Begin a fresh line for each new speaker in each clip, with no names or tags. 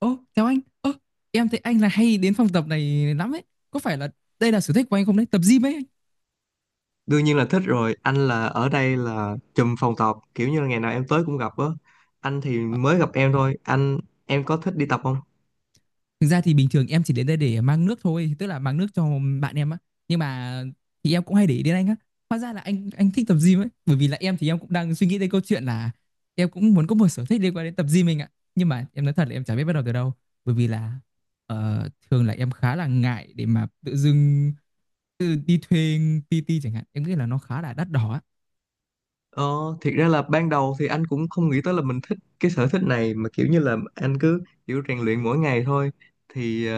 Ô, chào anh. Em thấy anh là hay đến phòng tập này lắm ấy. Có phải là đây là sở thích của anh không đấy? Tập gym ấy anh.
Đương nhiên là thích rồi. Anh là ở đây là trùm phòng tập, kiểu như là ngày nào em tới cũng gặp á. Anh thì
Ờ,
mới gặp em thôi anh. Em có thích đi tập không?
thực ra thì bình thường em chỉ đến đây để mang nước thôi, tức là mang nước cho bạn em á. Nhưng mà thì em cũng hay để ý đến anh á. Hóa ra là anh thích tập gym ấy, bởi vì là em thì em cũng đang suy nghĩ đến câu chuyện là em cũng muốn có một sở thích liên quan đến tập gym mình ạ. Nhưng mà em nói thật là em chả biết bắt đầu từ đâu, bởi vì là thường là em khá là ngại để mà tự dưng tự đi thuê PT chẳng hạn. Em nghĩ là nó khá là đắt đỏ á.
ờ Thiệt ra là ban đầu thì anh cũng không nghĩ tới là mình thích cái sở thích này, mà kiểu như là anh cứ kiểu rèn luyện mỗi ngày thôi. Thì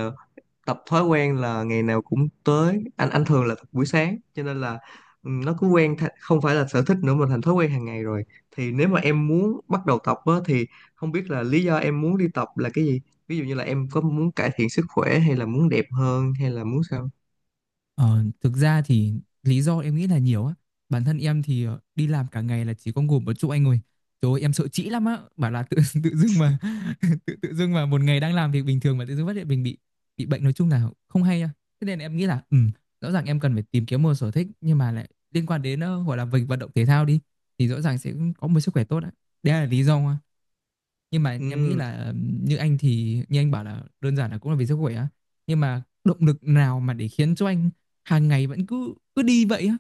tập thói quen là ngày nào cũng tới. Anh thường là tập buổi sáng, cho nên là nó cứ không phải là sở thích nữa mà thành thói quen hàng ngày rồi. Thì nếu mà em muốn bắt đầu tập á, thì không biết là lý do em muốn đi tập là cái gì, ví dụ như là em có muốn cải thiện sức khỏe, hay là muốn đẹp hơn, hay là muốn sao?
Ờ, Thực ra thì lý do em nghĩ là nhiều á. Bản thân em thì đi làm cả ngày là chỉ có ngủ một chỗ anh ơi. Trời ơi, em sợ trĩ lắm á. Bảo là tự tự dưng mà tự tự dưng mà một ngày đang làm việc bình thường mà tự dưng phát hiện mình bị bệnh nói chung là không hay á. Thế nên em nghĩ là ừ, rõ ràng em cần phải tìm kiếm một sở thích nhưng mà lại liên quan đến gọi là việc vận động thể thao đi thì rõ ràng sẽ có một sức khỏe tốt á. Đấy là lý do nhưng mà em nghĩ
Ừ,
là như anh thì như anh bảo là đơn giản là cũng là vì sức khỏe á, nhưng mà động lực nào mà để khiến cho anh hàng ngày vẫn cứ cứ đi vậy á?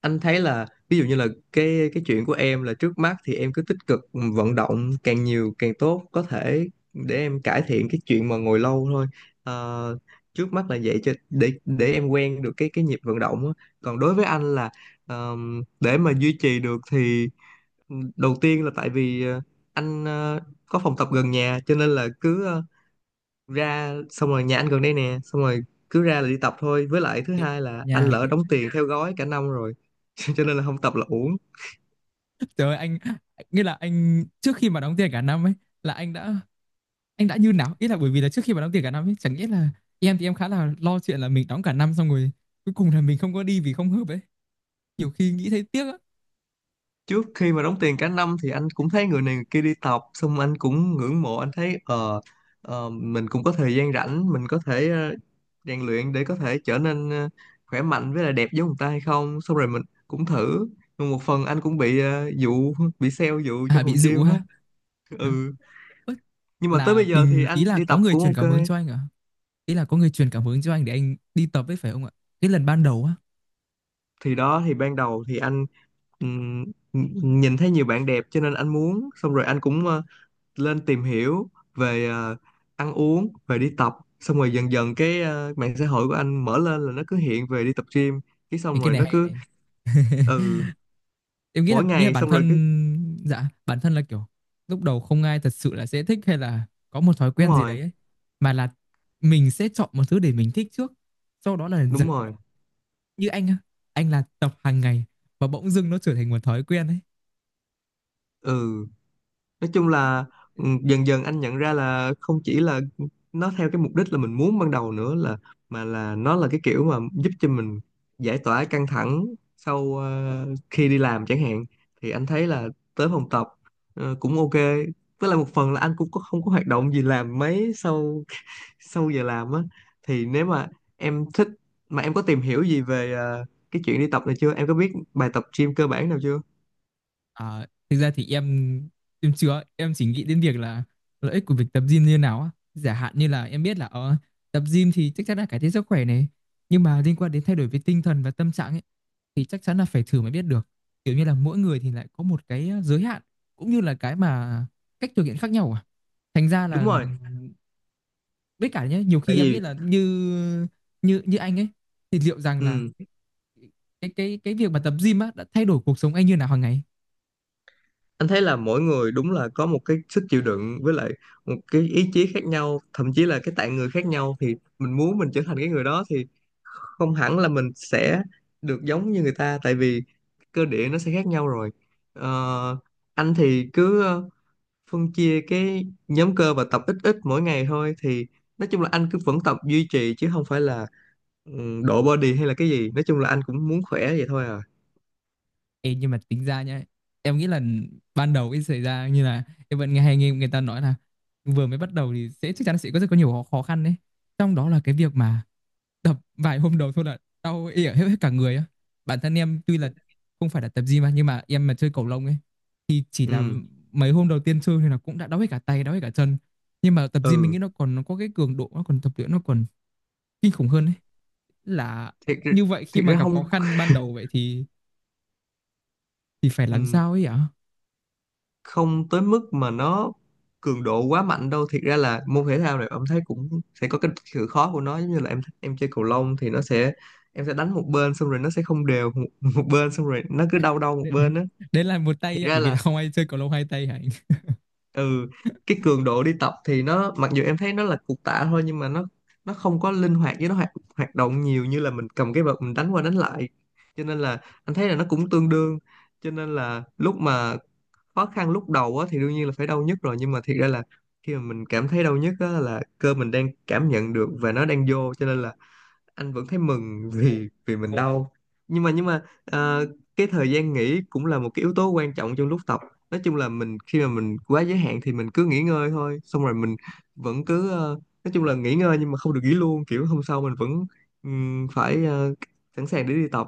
anh thấy là ví dụ như là cái chuyện của em là trước mắt thì em cứ tích cực vận động càng nhiều càng tốt có thể, để em cải thiện cái chuyện mà ngồi lâu thôi. Ờ, trước mắt là vậy, cho để em quen được cái nhịp vận động á. Còn đối với anh là để mà duy trì được thì đầu tiên là tại vì anh có phòng tập gần nhà, cho nên là cứ ra, xong rồi nhà anh gần đây nè, xong rồi cứ ra là đi tập thôi. Với lại thứ hai
Dọn
là anh
nhà
lỡ
tiện.
đóng tiền theo gói cả năm rồi cho nên là không tập là uổng.
Trời ơi, anh nghĩa là anh trước khi mà đóng tiền cả năm ấy là anh đã như nào, ý là bởi vì là trước khi mà đóng tiền cả năm ấy chẳng nghĩa là em thì em khá là lo chuyện là mình đóng cả năm xong rồi cuối cùng là mình không có đi vì không hợp ấy, nhiều khi nghĩ thấy tiếc á.
Trước khi mà đóng tiền cả năm thì anh cũng thấy người này người kia đi tập, xong anh cũng ngưỡng mộ. Anh thấy mình cũng có thời gian rảnh, mình có thể rèn luyện để có thể trở nên khỏe mạnh với lại đẹp giống người ta hay không, xong rồi mình cũng thử. Nhưng một phần anh cũng bị dụ, bị sale dụ
À,
trong phòng
bị dụ
gym
ha.
á. Ừ,
Ớ,
nhưng mà tới
là
bây giờ thì
bình, ý
anh
là
đi
có
tập
người
cũng
truyền cảm
ok.
hứng cho anh à, ý là có người truyền cảm hứng cho anh để anh đi tập ấy phải không ạ? Cái lần ban đầu á.
Thì đó, thì ban đầu thì anh ừm, nhìn thấy nhiều bạn đẹp cho nên anh muốn, xong rồi anh cũng lên tìm hiểu về ăn uống, về đi tập. Xong rồi dần dần cái mạng xã hội của anh mở lên là nó cứ hiện về đi tập gym. Cái
Thì
xong
cái
rồi
này
nó
hay
cứ
này,
ừ
em nghĩ là
mỗi
như là
ngày,
bản
xong rồi cứ
thân, dạ bản thân là kiểu lúc đầu không ai thật sự là sẽ thích hay là có một thói
đúng
quen gì
rồi,
đấy ấy. Mà là mình sẽ chọn một thứ để mình thích trước, sau đó là dần
đúng rồi.
như anh á, anh là tập hàng ngày và bỗng dưng nó trở thành một thói quen
Ừ, nói chung là ừ,
ấy.
dần dần anh nhận ra là không chỉ là nó theo cái mục đích là mình muốn ban đầu nữa, là mà là nó là cái kiểu mà giúp cho mình giải tỏa căng thẳng sau khi đi làm chẳng hạn. Thì anh thấy là tới phòng tập cũng ok. Với lại một phần là anh cũng có, không có hoạt động gì làm mấy sau sau giờ làm á. Thì nếu mà em thích, mà em có tìm hiểu gì về cái chuyện đi tập này chưa, em có biết bài tập gym cơ bản nào chưa?
À, thực ra thì em chưa, em chỉ nghĩ đến việc là lợi ích của việc tập gym như nào á, giả hạn như là em biết là tập gym thì chắc chắn là cải thiện sức khỏe này, nhưng mà liên quan đến thay đổi về tinh thần và tâm trạng ấy thì chắc chắn là phải thử mới biết được, kiểu như là mỗi người thì lại có một cái giới hạn cũng như là cái mà cách thực hiện khác nhau à, thành ra
Đúng
là
rồi.
với cả nhé nhiều
Tại
khi em nghĩ
vì
là như như như anh ấy thì liệu rằng là
ừ
cái việc mà tập gym á đã thay đổi cuộc sống anh như nào hàng ngày.
anh thấy là mỗi người đúng là có một cái sức chịu đựng với lại một cái ý chí khác nhau, thậm chí là cái tạng người khác nhau, thì mình muốn mình trở thành cái người đó thì không hẳn là mình sẽ được giống như người ta, tại vì cơ địa nó sẽ khác nhau rồi. Ờ, anh thì cứ phân chia cái nhóm cơ và tập ít ít mỗi ngày thôi. Thì nói chung là anh cứ vẫn tập duy trì, chứ không phải là ừ, độ body hay là cái gì. Nói chung là anh cũng muốn khỏe vậy thôi à.
Ê, nhưng mà tính ra nhá, em nghĩ là ban đầu cái xảy ra như là em vẫn nghe, hay nghe người ta nói là vừa mới bắt đầu thì sẽ chắc chắn sẽ có rất có nhiều khó khó khăn đấy, trong đó là cái việc mà tập vài hôm đầu thôi là đau ỉa hết, hết cả người á. Bản thân em tuy là không phải là tập gym mà nhưng mà em mà chơi cầu lông ấy thì chỉ là
Ừ,
mấy hôm đầu tiên chơi thì là cũng đã đau hết cả tay đau hết cả chân, nhưng mà tập gym mình
ừ,
nghĩ nó còn nó có cái cường độ nó còn tập luyện nó còn kinh khủng hơn ấy. Là
thiệt,
như vậy khi
thiệt
mà
ra
gặp khó
không
khăn ban đầu vậy thì phải làm
ừ.
sao ấy ạ?
không tới mức mà nó cường độ quá mạnh đâu. Thiệt ra là môn thể thao này em thấy cũng sẽ có cái sự khó của nó, giống như là em chơi cầu lông thì nó sẽ em sẽ đánh một bên, xong rồi nó sẽ không đều một, một bên, xong rồi nó cứ đau đau một
Đấy,
bên á.
đấy là một
Thiệt
tay ạ,
ra
bởi vì là
là
không ai chơi cầu lông hai tay hả anh?
ừ cái cường độ đi tập thì nó mặc dù em thấy nó là cục tạ thôi, nhưng mà nó không có linh hoạt, với nó hoạt hoạt động nhiều như là mình cầm cái vợt mình đánh qua đánh lại, cho nên là anh thấy là nó cũng tương đương. Cho nên là lúc mà khó khăn lúc đầu á thì đương nhiên là phải đau nhất rồi, nhưng mà thiệt ra là khi mà mình cảm thấy đau nhất á là cơ mình đang cảm nhận được và nó đang vô, cho nên là anh vẫn thấy mừng vì vì mình đau. Nhưng mà cái thời gian nghỉ cũng là một cái yếu tố quan trọng trong lúc tập. Nói chung là mình khi mà mình quá giới hạn thì mình cứ nghỉ ngơi thôi, xong rồi mình vẫn cứ nói chung là nghỉ ngơi nhưng mà không được nghỉ luôn, kiểu hôm sau mình vẫn phải sẵn sàng để đi tập.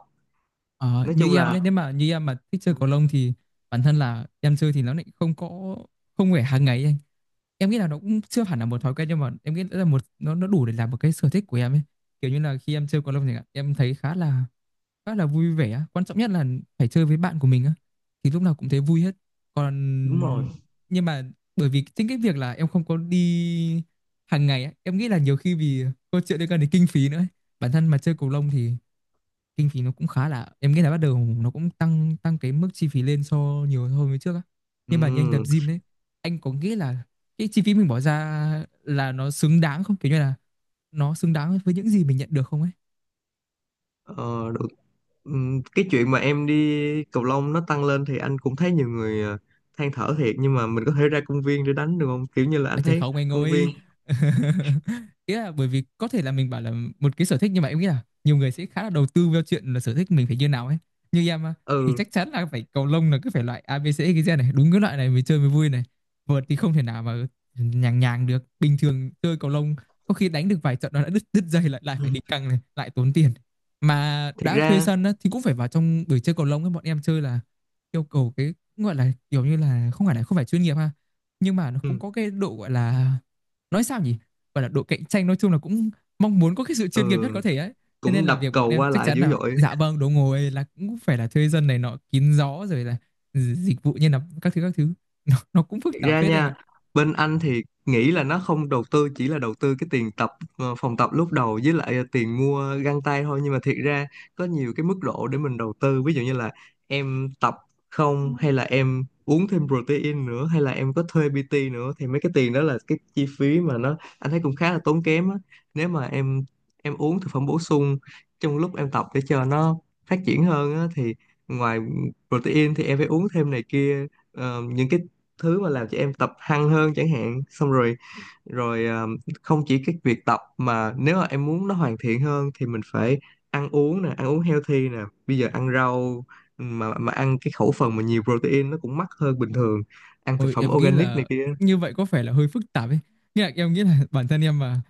Ờ,
Nói chung à,
như em
là
nhé, nếu mà như em mà thích chơi cầu lông thì bản thân là em chơi thì nó lại không có, không phải hàng ngày ấy anh. Em nghĩ là nó cũng chưa hẳn là một thói quen nhưng mà em nghĩ là một, nó đủ để làm một cái sở thích của em ấy, kiểu như là khi em chơi cầu lông thì em thấy khá là vui vẻ. Quan trọng nhất là phải chơi với bạn của mình á. Thì lúc nào cũng thấy vui hết. Còn
đúng ừ rồi.
nhưng mà bởi vì chính cái việc là em không có đi hàng ngày á, em nghĩ là nhiều khi vì câu chuyện liên quan đến kinh phí nữa ấy. Bản thân mà chơi cầu lông thì kinh phí nó cũng khá là, em nghĩ là bắt đầu nó cũng tăng tăng cái mức chi phí lên so nhiều hơn với trước á. Nhưng mà như anh tập
ừ,
gym đấy, anh có nghĩ là cái chi phí mình bỏ ra là nó xứng đáng không? Kiểu như là nó xứng đáng với những gì mình nhận được không ấy?
ờ, cái chuyện mà em đi cầu lông nó tăng lên thì anh cũng thấy nhiều người than thở thiệt, nhưng mà mình có thể ra công viên để đánh được không, kiểu như là
À,
anh
Trời
thấy
không anh
công viên
ơi. Ý là bởi vì có thể là mình bảo là một cái sở thích nhưng mà em nghĩ là nhiều người sẽ khá là đầu tư vào chuyện là sở thích mình phải như nào ấy. Như em á, thì
ừ
chắc chắn là phải cầu lông là cứ phải loại A ABC cái gen này đúng cái loại này mới chơi mới vui này, vợt thì không thể nào mà nhàng nhàng được, bình thường chơi cầu lông có khi đánh được vài trận nó đã đứt đứt dây, lại lại phải
ừ,
đi căng này lại tốn tiền, mà
thiệt
đã thuê
ra
sân á, thì cũng phải vào trong buổi chơi cầu lông ấy bọn em chơi là yêu cầu cái gọi là kiểu như là không phải chuyên nghiệp ha, nhưng mà nó cũng
ừ,
có cái độ gọi là nói sao nhỉ, gọi là độ cạnh tranh, nói chung là cũng mong muốn có cái sự chuyên nghiệp nhất có
ừ
thể ấy. Thế nên
cũng
là
đập
việc bọn
cầu
em
qua
chắc
lại
chắn
dữ
là
dội.
dạ vâng đồ ngồi là cũng phải là thuê dân này nọ kín gió rồi là dịch vụ như là các thứ nó cũng
Thực
phức tạp
ra
phết anh ạ.
nha, bên anh thì nghĩ là nó không đầu tư, chỉ là đầu tư cái tiền tập phòng tập lúc đầu với lại tiền mua găng tay thôi. Nhưng mà thiệt ra có nhiều cái mức độ để mình đầu tư, ví dụ như là em tập không, hay là em uống thêm protein nữa, hay là em có thuê PT nữa, thì mấy cái tiền đó là cái chi phí mà nó anh thấy cũng khá là tốn kém á. Nếu mà em uống thực phẩm bổ sung trong lúc em tập để cho nó phát triển hơn á, thì ngoài protein thì em phải uống thêm này kia. Ờ, những cái thứ mà làm cho em tập hăng hơn chẳng hạn. Xong rồi rồi không chỉ cái việc tập, mà nếu mà em muốn nó hoàn thiện hơn thì mình phải ăn uống nè, ăn uống healthy nè, bây giờ ăn rau, ừ, mà ăn cái khẩu phần mà nhiều protein nó cũng mắc hơn bình thường, ăn thực
Ôi
phẩm
em nghĩ
organic này
là
kia.
như vậy có phải là hơi phức tạp ấy, nhưng mà em nghĩ là bản thân em mà.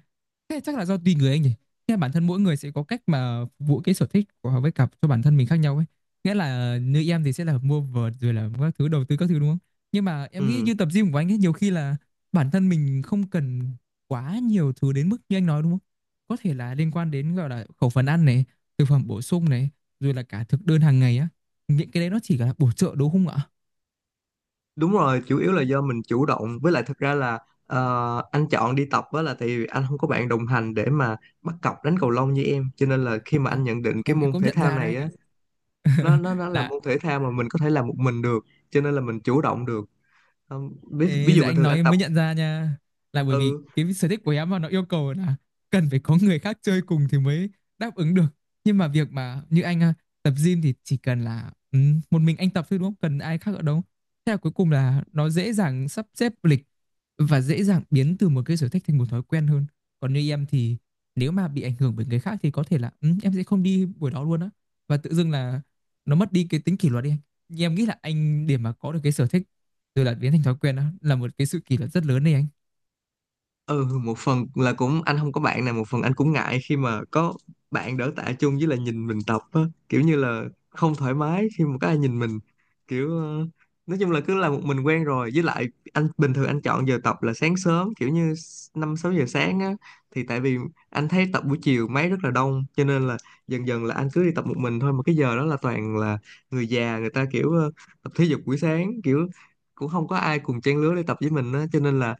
Thế chắc là do tùy người anh nhỉ. Nghĩa là bản thân mỗi người sẽ có cách mà phục vụ cái sở thích của họ với cặp cho bản thân mình khác nhau ấy. Nghĩa là như em thì sẽ là mua vợt rồi là các thứ đầu tư các thứ đúng không? Nhưng mà em nghĩ
Ừ,
như tập gym của anh ấy nhiều khi là bản thân mình không cần quá nhiều thứ đến mức như anh nói đúng không? Có thể là liên quan đến gọi là khẩu phần ăn này, thực phẩm bổ sung này, rồi là cả thực đơn hàng ngày á. Những cái đấy nó chỉ là bổ trợ đúng không ạ?
đúng rồi, chủ yếu là do mình chủ động. Với lại thật ra là anh chọn đi tập á là tại vì anh không có bạn đồng hành để mà bắt cặp đánh cầu lông như em, cho nên là khi mà
Ủa,
anh nhận định cái
em
môn
cũng
thể
nhận
thao
ra đấy
này
anh ạ.
á, nó là
Là
môn thể thao mà mình có thể làm một mình được, cho nên là mình chủ động được. Không, ví, ví
Ê, giờ
dụ bình
anh
thường
nói
anh
em
tập
mới nhận ra nha, là bởi vì
ừ
cái sở thích của em mà nó yêu cầu là cần phải có người khác chơi cùng thì mới đáp ứng được, nhưng mà việc mà như anh à, tập gym thì chỉ cần là ừ, một mình anh tập thôi đúng không cần ai khác ở đâu, thế là cuối cùng là nó dễ dàng sắp xếp lịch và dễ dàng biến từ một cái sở thích thành một thói quen hơn. Còn như em thì nếu mà bị ảnh hưởng bởi người khác thì có thể là ừ, em sẽ không đi buổi đó luôn á, và tự dưng là nó mất đi cái tính kỷ luật đi anh. Nhưng em nghĩ là anh để mà có được cái sở thích từ là biến thành thói quen đó là một cái sự kỷ luật rất lớn đấy anh.
ừ một phần là cũng anh không có bạn nào, một phần anh cũng ngại khi mà có bạn đỡ tạ chung, với là nhìn mình tập á, kiểu như là không thoải mái khi mà có ai nhìn mình, kiểu nói chung là cứ là một mình quen rồi. Với lại anh bình thường anh chọn giờ tập là sáng sớm, kiểu như năm sáu giờ sáng á, thì tại vì anh thấy tập buổi chiều máy rất là đông, cho nên là dần dần là anh cứ đi tập một mình thôi. Mà cái giờ đó là toàn là người già, người ta kiểu tập thể dục buổi sáng, kiểu cũng không có ai cùng trang lứa để tập với mình á, cho nên là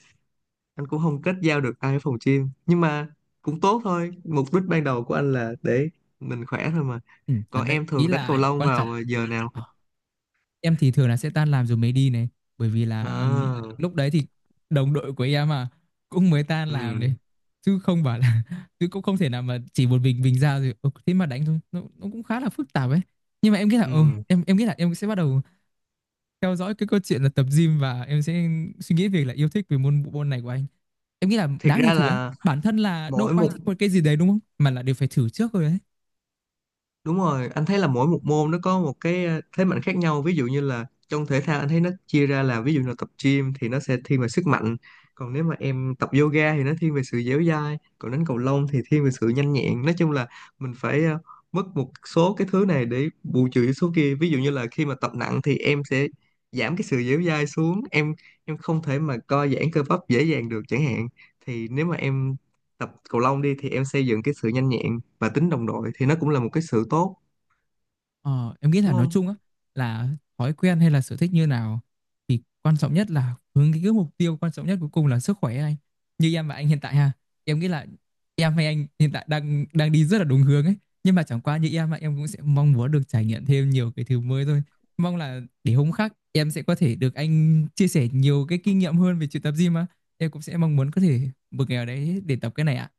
anh cũng không kết giao được ai ở phòng gym. Nhưng mà cũng tốt thôi, mục đích ban đầu của anh là để mình khỏe thôi mà.
Ừ, thật
Còn
đấy
em
ý
thường đánh cầu
là
lông
quan trọng.
vào giờ nào?
Ờ, em thì thường là sẽ tan làm rồi mới đi này, bởi vì là
À
lúc đấy thì đồng đội của em mà cũng mới tan
ừ,
làm này, chứ không bảo là chứ cũng không thể nào mà chỉ một mình ra rồi ừ, thế mà đánh thôi nó cũng khá là phức tạp ấy. Nhưng mà em nghĩ là
ừ,
ừ, em nghĩ là em sẽ bắt đầu theo dõi cái câu chuyện là tập gym và em sẽ suy nghĩ việc là yêu thích về môn bộ môn này của anh. Em nghĩ là
thiệt
đáng đi
ra
thử ấy,
là
bản thân là đâu
mỗi
có ai
một
thích một cái gì đấy đúng không mà là đều phải thử trước rồi đấy.
đúng rồi. Anh thấy là mỗi một môn nó có một cái thế mạnh khác nhau. Ví dụ như là trong thể thao anh thấy nó chia ra là ví dụ là tập gym thì nó sẽ thiên về sức mạnh. Còn nếu mà em tập yoga thì nó thiên về sự dẻo dai. Còn đánh cầu lông thì thiên về sự nhanh nhẹn. Nói chung là mình phải mất một số cái thứ này để bù trừ số kia. Ví dụ như là khi mà tập nặng thì em sẽ giảm cái sự dẻo dai xuống. Em không thể mà co giãn cơ bắp dễ dàng được chẳng hạn. Thì nếu mà em tập cầu lông đi thì em xây dựng cái sự nhanh nhẹn và tính đồng đội, thì nó cũng là một cái sự tốt,
Ờ, em nghĩ là
đúng
nói
không?
chung á là thói quen hay là sở thích như nào thì quan trọng nhất là hướng đến cái mục tiêu quan trọng nhất cuối cùng là sức khỏe anh. Như em và anh hiện tại ha, em nghĩ là em hay anh hiện tại đang đang đi rất là đúng hướng ấy, nhưng mà chẳng qua như em mà em cũng sẽ mong muốn được trải nghiệm thêm nhiều cái thứ mới thôi. Mong là để hôm khác em sẽ có thể được anh chia sẻ nhiều cái kinh nghiệm hơn về chuyện tập gym á. Em cũng sẽ mong muốn có thể một ngày nào đấy để tập cái này ạ.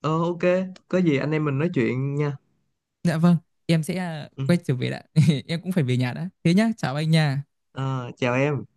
Ờ ok, có gì anh em mình nói chuyện nha.
Dạ vâng, em sẽ
Ừ.
quay trở về đã. Em cũng phải về nhà đã. Thế nhá, chào anh nha.
Ờ, chào em.